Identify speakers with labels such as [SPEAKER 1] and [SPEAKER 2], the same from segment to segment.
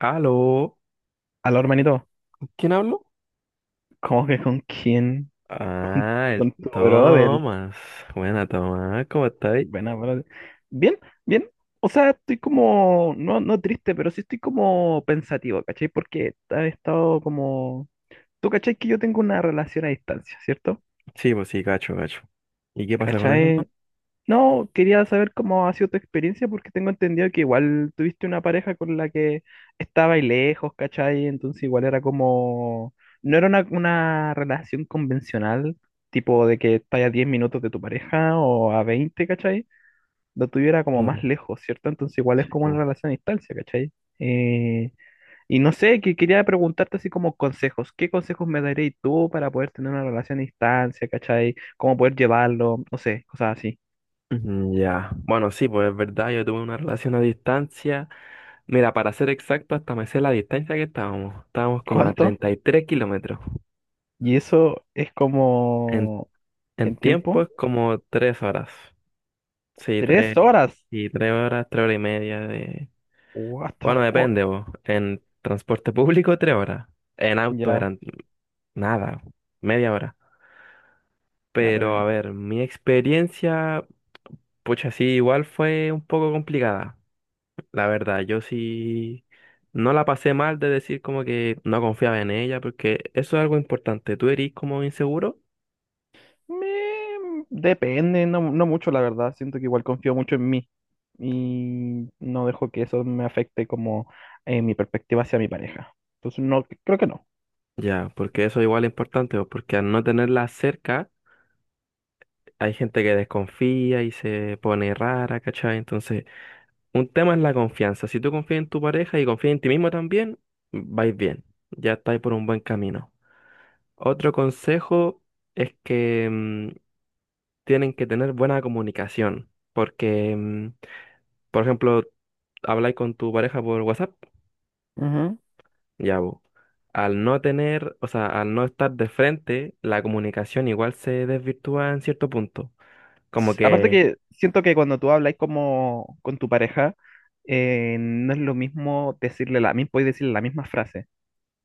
[SPEAKER 1] Aló.
[SPEAKER 2] Aló, hermanito,
[SPEAKER 1] ¿Quién habló?
[SPEAKER 2] ¿cómo que con quién? ¿Con,
[SPEAKER 1] Ah, el
[SPEAKER 2] con tu brother?
[SPEAKER 1] Tomás. Buena, Tomás. ¿Cómo estáis?
[SPEAKER 2] Buena, brother. Bien, bien. O sea, estoy como, no, no triste, pero sí estoy como pensativo, ¿cachai? Porque he estado como. Tú, ¿cachai? Que yo tengo una relación a distancia, ¿cierto?
[SPEAKER 1] Sí, pues sí, gacho, gacho. ¿Y qué pasa con eso,
[SPEAKER 2] ¿Cachai?
[SPEAKER 1] man?
[SPEAKER 2] No, quería saber cómo ha sido tu experiencia porque tengo entendido que igual tuviste una pareja con la que estaba y lejos, ¿cachai? Entonces igual era como. No era una relación convencional, tipo de que estás a 10 minutos de tu pareja o a 20, ¿cachai? Lo tuviera como más
[SPEAKER 1] Claro.
[SPEAKER 2] lejos, ¿cierto? Entonces igual es como una
[SPEAKER 1] Oh.
[SPEAKER 2] relación a distancia, ¿cachai? Eh, y no sé, que quería preguntarte así como consejos. ¿Qué consejos me daréis tú para poder tener una relación a distancia, cachai? ¿Cómo poder llevarlo? No sé, cosas así.
[SPEAKER 1] Ya. Bueno, sí, pues es verdad, yo tuve una relación a distancia. Mira, para ser exacto, hasta me sé la distancia que estábamos. Estábamos como a
[SPEAKER 2] ¿Cuánto?
[SPEAKER 1] 33 km.
[SPEAKER 2] Y eso es
[SPEAKER 1] En,
[SPEAKER 2] como
[SPEAKER 1] en
[SPEAKER 2] en
[SPEAKER 1] tiempo
[SPEAKER 2] tiempo,
[SPEAKER 1] es como 3 horas. Sí,
[SPEAKER 2] tres
[SPEAKER 1] 3
[SPEAKER 2] horas.
[SPEAKER 1] y 3 horas, 3 horas y media de...
[SPEAKER 2] What the
[SPEAKER 1] Bueno,
[SPEAKER 2] fuck.
[SPEAKER 1] depende, vos. En transporte público, 3 horas. En auto
[SPEAKER 2] Ya,
[SPEAKER 1] eran nada, media hora.
[SPEAKER 2] ya, pero
[SPEAKER 1] Pero a
[SPEAKER 2] bien.
[SPEAKER 1] ver, mi experiencia, pucha, sí, igual fue un poco complicada. La verdad, yo sí no la pasé mal de decir como que no confiaba en ella, porque eso es algo importante. ¿Tú eres como inseguro?
[SPEAKER 2] Depende, no, no mucho, la verdad. Siento que igual confío mucho en mí y no dejo que eso me afecte como mi perspectiva hacia mi pareja. Entonces, no, creo que no.
[SPEAKER 1] Ya, porque eso igual es importante, pues, porque al no tenerla cerca, hay gente que desconfía y se pone rara, ¿cachai? Entonces, un tema es la confianza. Si tú confías en tu pareja y confías en ti mismo también, vais bien, ya estáis por un buen camino. Otro consejo es que tienen que tener buena comunicación, porque, por ejemplo, habláis con tu pareja por WhatsApp,
[SPEAKER 2] Ujú.
[SPEAKER 1] ya vos. Al no tener, o sea, al no estar de frente, la comunicación igual se desvirtúa en cierto punto. Como
[SPEAKER 2] Aparte
[SPEAKER 1] que,
[SPEAKER 2] que siento que cuando tú hablas como con tu pareja, no es lo mismo podéis decirle la misma frase.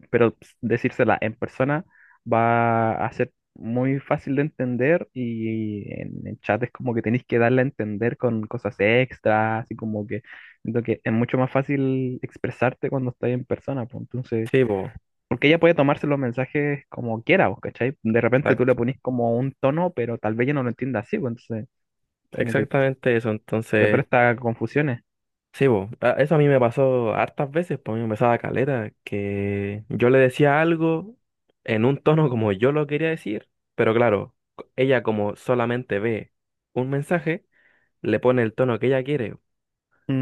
[SPEAKER 2] Pero pues, decírsela en persona va a ser muy fácil de entender y en el chat es como que tenéis que darle a entender con cosas extras, así como que siento que es mucho más fácil expresarte cuando estás en persona, pues entonces,
[SPEAKER 1] sí, vos,
[SPEAKER 2] porque ella puede tomarse los mensajes como quiera, vos, ¿cachai? De repente tú
[SPEAKER 1] exacto,
[SPEAKER 2] le ponís como un tono, pero tal vez ella no lo entienda así, pues entonces como que
[SPEAKER 1] exactamente eso.
[SPEAKER 2] te
[SPEAKER 1] Entonces,
[SPEAKER 2] presta confusiones.
[SPEAKER 1] sí, bo, eso a mí me pasó hartas veces, pues a mí me pasaba caleta, que yo le decía algo en un tono como yo lo quería decir, pero claro, ella como solamente ve un mensaje, le pone el tono que ella quiere.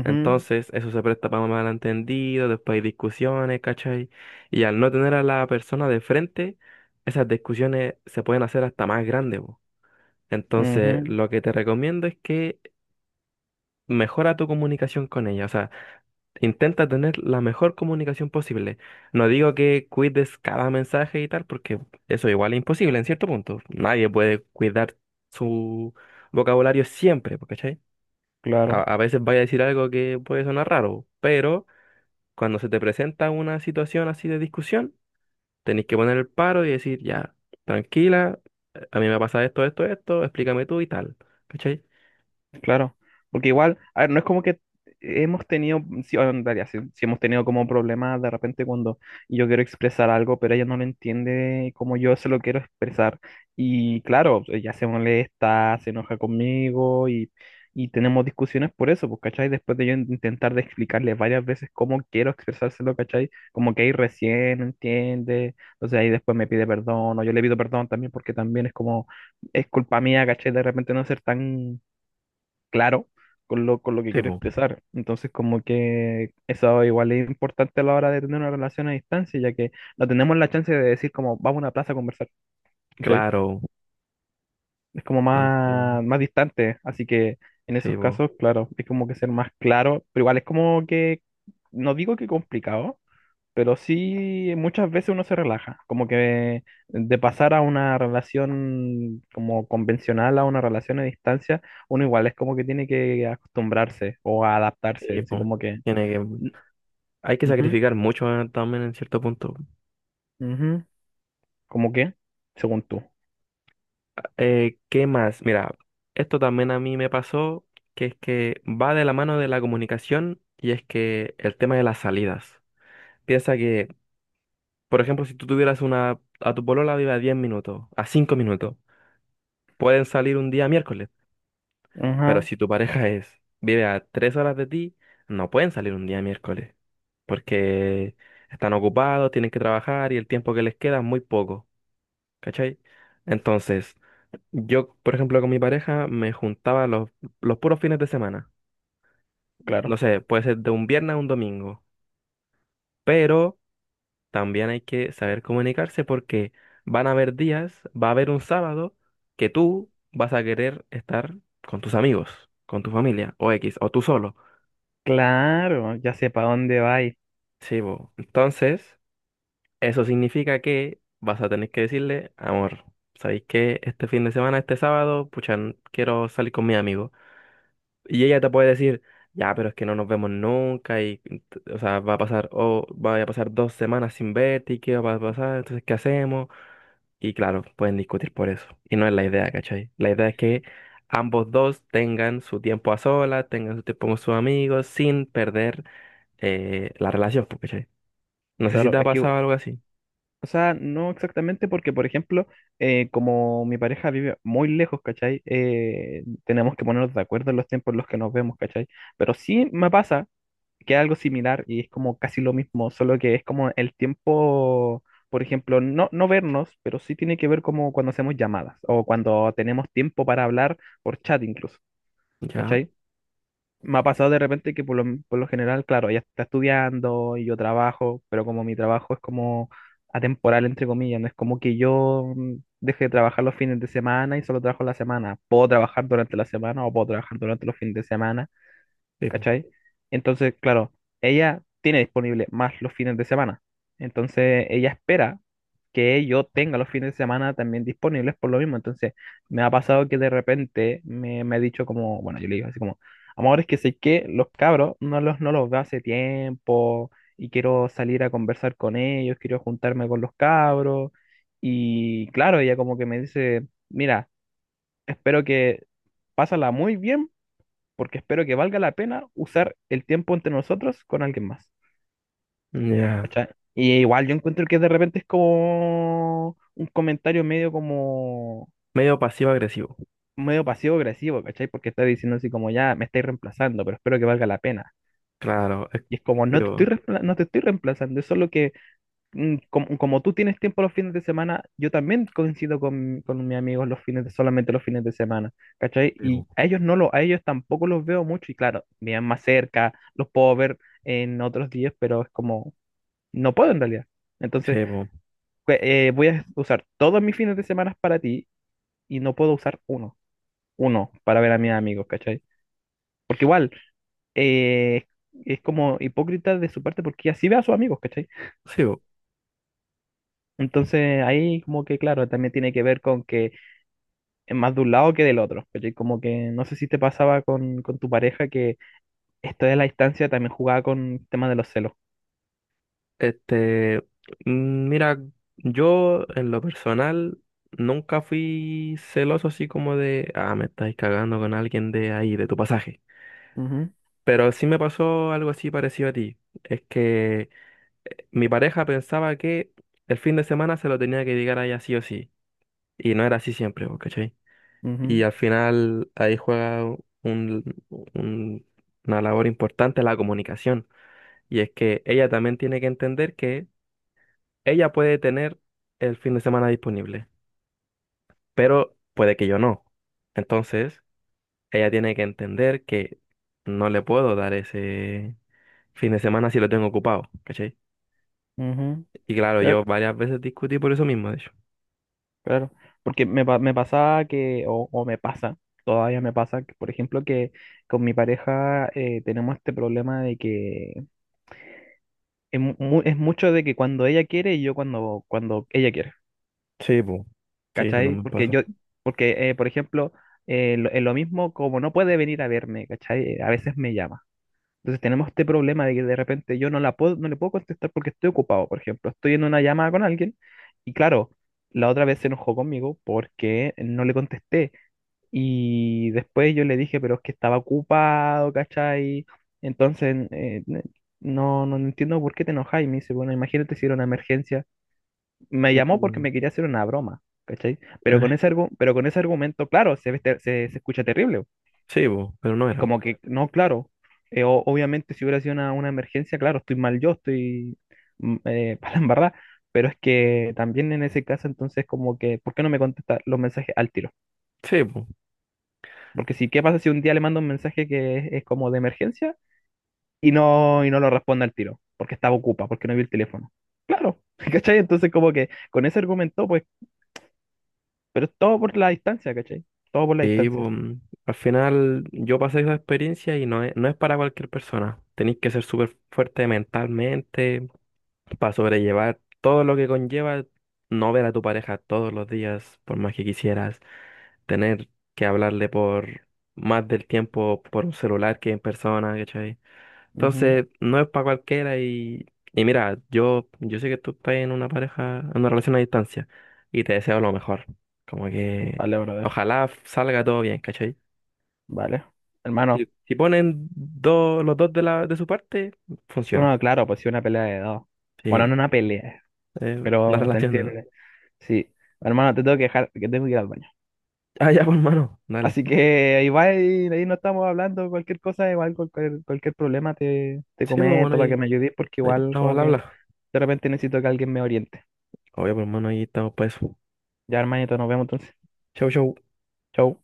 [SPEAKER 1] Entonces, eso se presta para malentendidos, después hay discusiones, ¿cachai? Y al no tener a la persona de frente, esas discusiones se pueden hacer hasta más grandes, bo.
[SPEAKER 2] Ujú,
[SPEAKER 1] Entonces,
[SPEAKER 2] ujú,
[SPEAKER 1] lo que te recomiendo es que mejora tu comunicación con ella, o sea, intenta tener la mejor comunicación posible. No digo que cuides cada mensaje y tal, porque eso igual es imposible en cierto punto. Nadie puede cuidar su vocabulario siempre, po, ¿cachai? A,
[SPEAKER 2] claro.
[SPEAKER 1] a veces vaya a decir algo que puede sonar raro, pero cuando se te presenta una situación así de discusión, tenés que poner el paro y decir, ya, tranquila, a mí me pasa esto, esto, esto, explícame tú y tal, ¿cachai?
[SPEAKER 2] Claro, porque igual, a ver, no es como que hemos tenido, sí, o en realidad, sí, sí hemos tenido como problemas de repente cuando yo quiero expresar algo, pero ella no lo entiende como yo se lo quiero expresar. Y claro, ella se molesta, se enoja conmigo y tenemos discusiones por eso, pues, ¿cachai? Después de yo intentar de explicarle varias veces cómo quiero expresárselo, ¿cachai? Como que ahí recién entiende, entonces ahí después me pide perdón, o yo le pido perdón también porque también es como, es culpa mía, ¿cachai? De repente no ser tan claro con lo que
[SPEAKER 1] Sí,
[SPEAKER 2] quiero
[SPEAKER 1] po.
[SPEAKER 2] expresar. Entonces, como que eso igual es importante a la hora de tener una relación a distancia, ya que no tenemos la chance de decir como vamos a una plaza a conversar, ¿cachai?
[SPEAKER 1] Claro.
[SPEAKER 2] Es como
[SPEAKER 1] Entonces,
[SPEAKER 2] más, más distante, así que en
[SPEAKER 1] sí,
[SPEAKER 2] esos
[SPEAKER 1] po.
[SPEAKER 2] casos, claro, es como que ser más claro, pero igual es como que, no digo que complicado, pero sí muchas veces uno se relaja, como que de pasar a una relación como convencional a una relación a distancia, uno igual es como que tiene que acostumbrarse o a adaptarse,
[SPEAKER 1] Sí,
[SPEAKER 2] así
[SPEAKER 1] po.
[SPEAKER 2] como que.
[SPEAKER 1] Tiene que, hay que
[SPEAKER 2] Ujú,
[SPEAKER 1] sacrificar mucho también en cierto punto.
[SPEAKER 2] ujú, ¿cómo qué? Según tú.
[SPEAKER 1] ¿Qué más? Mira, esto también a mí me pasó, que es que va de la mano de la comunicación y es que el tema de las salidas. Piensa que, por ejemplo, si tú tuvieras una, a tu polola vive a 10 minutos, a 5 minutos, pueden salir un día miércoles, pero
[SPEAKER 2] Ajá,
[SPEAKER 1] si tu pareja es, vive a 3 horas de ti, no pueden salir un día miércoles, porque están ocupados, tienen que trabajar y el tiempo que les queda es muy poco, ¿cachai? Entonces... yo, por ejemplo, con mi pareja me juntaba los puros fines de semana. No
[SPEAKER 2] claro.
[SPEAKER 1] sé, puede ser de un viernes a un domingo. Pero también hay que saber comunicarse porque van a haber días, va a haber un sábado que tú vas a querer estar con tus amigos, con tu familia, o X, o tú solo.
[SPEAKER 2] Claro, ya sé para dónde vais.
[SPEAKER 1] Sí, bo. Entonces, eso significa que vas a tener que decirle, amor, ¿sabéis que este fin de semana, este sábado, pucha, quiero salir con mi amigo? Y ella te puede decir, ya, pero es que no nos vemos nunca y, o sea, va a pasar, o va a pasar 2 semanas sin verte y qué va a pasar, entonces, ¿qué hacemos? Y claro, pueden discutir por eso. Y no es la idea, ¿cachai? La idea es que ambos dos tengan su tiempo a solas, tengan su tiempo con sus amigos, sin perder la relación, pues, ¿cachai? No sé si
[SPEAKER 2] Claro,
[SPEAKER 1] te ha
[SPEAKER 2] es que,
[SPEAKER 1] pasado algo así.
[SPEAKER 2] o sea, no exactamente porque, por ejemplo, como mi pareja vive muy lejos, ¿cachai? Tenemos que ponernos de acuerdo en los tiempos en los que nos vemos, ¿cachai? Pero sí me pasa que es algo similar y es como casi lo mismo, solo que es como el tiempo, por ejemplo, no, no vernos, pero sí tiene que ver como cuando hacemos llamadas o cuando tenemos tiempo para hablar por chat incluso,
[SPEAKER 1] Ya.
[SPEAKER 2] ¿cachai? Me ha pasado de repente que por lo general, claro, ella está estudiando y yo trabajo, pero como mi trabajo es como atemporal, entre comillas, no es como que yo deje de trabajar los fines de semana y solo trabajo la semana. Puedo trabajar durante la semana o puedo trabajar durante los fines de semana,
[SPEAKER 1] Sí, po.
[SPEAKER 2] ¿cachai? Entonces, claro, ella tiene disponible más los fines de semana. Entonces, ella espera que yo tenga los fines de semana también disponibles por lo mismo. Entonces, me ha pasado que de repente me ha dicho como, bueno, yo le digo así como, amor, es que sé que los cabros no los veo hace tiempo y quiero salir a conversar con ellos, quiero juntarme con los cabros. Y claro, ella como que me dice, mira, espero que pásala muy bien porque espero que valga la pena usar el tiempo entre nosotros con alguien más.
[SPEAKER 1] Ya.
[SPEAKER 2] ¿Cachai? Y igual yo encuentro que de repente es como un comentario medio como
[SPEAKER 1] Medio pasivo-agresivo.
[SPEAKER 2] medio pasivo-agresivo, ¿cachai? Porque está diciendo así como ya me estáis reemplazando, pero espero que valga la pena.
[SPEAKER 1] Claro.
[SPEAKER 2] Y es como
[SPEAKER 1] Sí, po.
[SPEAKER 2] no te estoy reemplazando, es solo que como, tú tienes tiempo los fines de semana, yo también coincido con mis amigos solamente los fines de semana, ¿cachai?
[SPEAKER 1] Sí,
[SPEAKER 2] Y
[SPEAKER 1] po.
[SPEAKER 2] a ellos a ellos tampoco los veo mucho y claro, viven más cerca, los puedo ver en otros días, pero es como, no puedo en realidad. Entonces,
[SPEAKER 1] Sí, po.
[SPEAKER 2] pues, voy a usar todos mis fines de semana para ti y no puedo usar uno para ver a mis amigos, ¿cachai? Porque igual, eh, es como hipócrita de su parte porque así ve a sus amigos, ¿cachai?
[SPEAKER 1] Sí, po.
[SPEAKER 2] Entonces ahí como que claro, también tiene que ver con que en más de un lado que del otro, ¿cachai? Como que no sé si te pasaba con, tu pareja que esto de la distancia también jugaba con el tema de los celos.
[SPEAKER 1] Este, mira, yo en lo personal nunca fui celoso así como de, ah, me estáis cagando con alguien de ahí, de tu pasaje.
[SPEAKER 2] Ujú,
[SPEAKER 1] Pero sí me pasó algo así parecido a ti. Es que mi pareja pensaba que el fin de semana se lo tenía que llegar a ella sí o sí. Y no era así siempre, ¿vos ¿cachai? Y
[SPEAKER 2] ujú,
[SPEAKER 1] al final ahí juega un- un- una labor importante la comunicación. Y es que ella también tiene que entender que ella puede tener el fin de semana disponible, pero puede que yo no. Entonces, ella tiene que entender que no le puedo dar ese fin de semana si lo tengo ocupado, ¿cachai?
[SPEAKER 2] ujú.
[SPEAKER 1] Y claro, yo
[SPEAKER 2] Claro,
[SPEAKER 1] varias veces discutí por eso mismo, de hecho.
[SPEAKER 2] claro. Porque me pasaba que, o me pasa, todavía me pasa, que, por ejemplo, que con mi pareja tenemos este problema de que es mucho de que cuando ella quiere y yo cuando ella quiere,
[SPEAKER 1] Sí, po. Sí, eso no
[SPEAKER 2] ¿cachai?
[SPEAKER 1] me
[SPEAKER 2] Porque
[SPEAKER 1] pasa.
[SPEAKER 2] yo, porque, por ejemplo, lo mismo como no puede venir a verme, ¿cachai? A veces me llama. Entonces tenemos este problema de que de repente yo no le puedo contestar porque estoy ocupado, por ejemplo, estoy en una llamada con alguien y claro, la otra vez se enojó conmigo porque no le contesté y después yo le dije, pero es que estaba ocupado, ¿cachai? Entonces, no, no entiendo por qué te enojas y me dice, bueno, imagínate si era una emergencia. Me llamó porque
[SPEAKER 1] Mm.
[SPEAKER 2] me quería hacer una broma, ¿cachai? Pero con
[SPEAKER 1] Eh,
[SPEAKER 2] ese argumento, claro, se escucha terrible.
[SPEAKER 1] sí, po, pero no
[SPEAKER 2] Es
[SPEAKER 1] era.
[SPEAKER 2] como que, no, claro, obviamente si hubiera sido una emergencia, claro, estoy mal yo, estoy para la embarrada, pero es que también en ese caso entonces como que, ¿por qué no me contesta los mensajes al tiro?
[SPEAKER 1] Sí, po.
[SPEAKER 2] Porque si, ¿qué pasa si un día le mando un mensaje que es como de emergencia y no, lo responde al tiro? Porque no vi el teléfono. Claro, ¿cachai? Entonces como que con ese argumento, pues, pero es todo por la distancia, ¿cachai? Todo por la
[SPEAKER 1] Y
[SPEAKER 2] distancia.
[SPEAKER 1] po, al final yo pasé esa experiencia y no es, no es para cualquier persona. Tenéis que ser súper fuerte mentalmente, para sobrellevar todo lo que conlleva no ver a tu pareja todos los días, por más que quisieras, tener que hablarle por más del tiempo por un celular que en persona, ¿cachai?
[SPEAKER 2] Ujú.
[SPEAKER 1] Entonces, no es para cualquiera y mira, yo sé que tú estás en una pareja, en una relación a distancia y te deseo lo mejor. Como que
[SPEAKER 2] Vale, brother.
[SPEAKER 1] ojalá salga todo bien, ¿cachai?
[SPEAKER 2] Vale. Hermano.
[SPEAKER 1] Si, si ponen dos, los dos de la, de su parte, funciona.
[SPEAKER 2] No claro, pues sí, una pelea de dos.
[SPEAKER 1] Sí,
[SPEAKER 2] Bueno, no
[SPEAKER 1] po.
[SPEAKER 2] una pelea,
[SPEAKER 1] Es una
[SPEAKER 2] pero se
[SPEAKER 1] relación de dos.
[SPEAKER 2] entiende. Sí. Hermano, te tengo que dejar, que tengo que ir al baño.
[SPEAKER 1] Ah, ya, pues, hermano, dale.
[SPEAKER 2] Así que ahí va, y ahí no estamos hablando cualquier cosa, igual cualquier, problema te
[SPEAKER 1] Sí, pues bueno,
[SPEAKER 2] comento para que me ayudes, porque
[SPEAKER 1] ahí
[SPEAKER 2] igual
[SPEAKER 1] estamos
[SPEAKER 2] como
[SPEAKER 1] al
[SPEAKER 2] que
[SPEAKER 1] habla.
[SPEAKER 2] de repente necesito que alguien me oriente.
[SPEAKER 1] Obvio, pues hermano, ahí estamos para eso.
[SPEAKER 2] Ya, hermanito, nos vemos entonces.
[SPEAKER 1] Chau, chau.
[SPEAKER 2] Chau.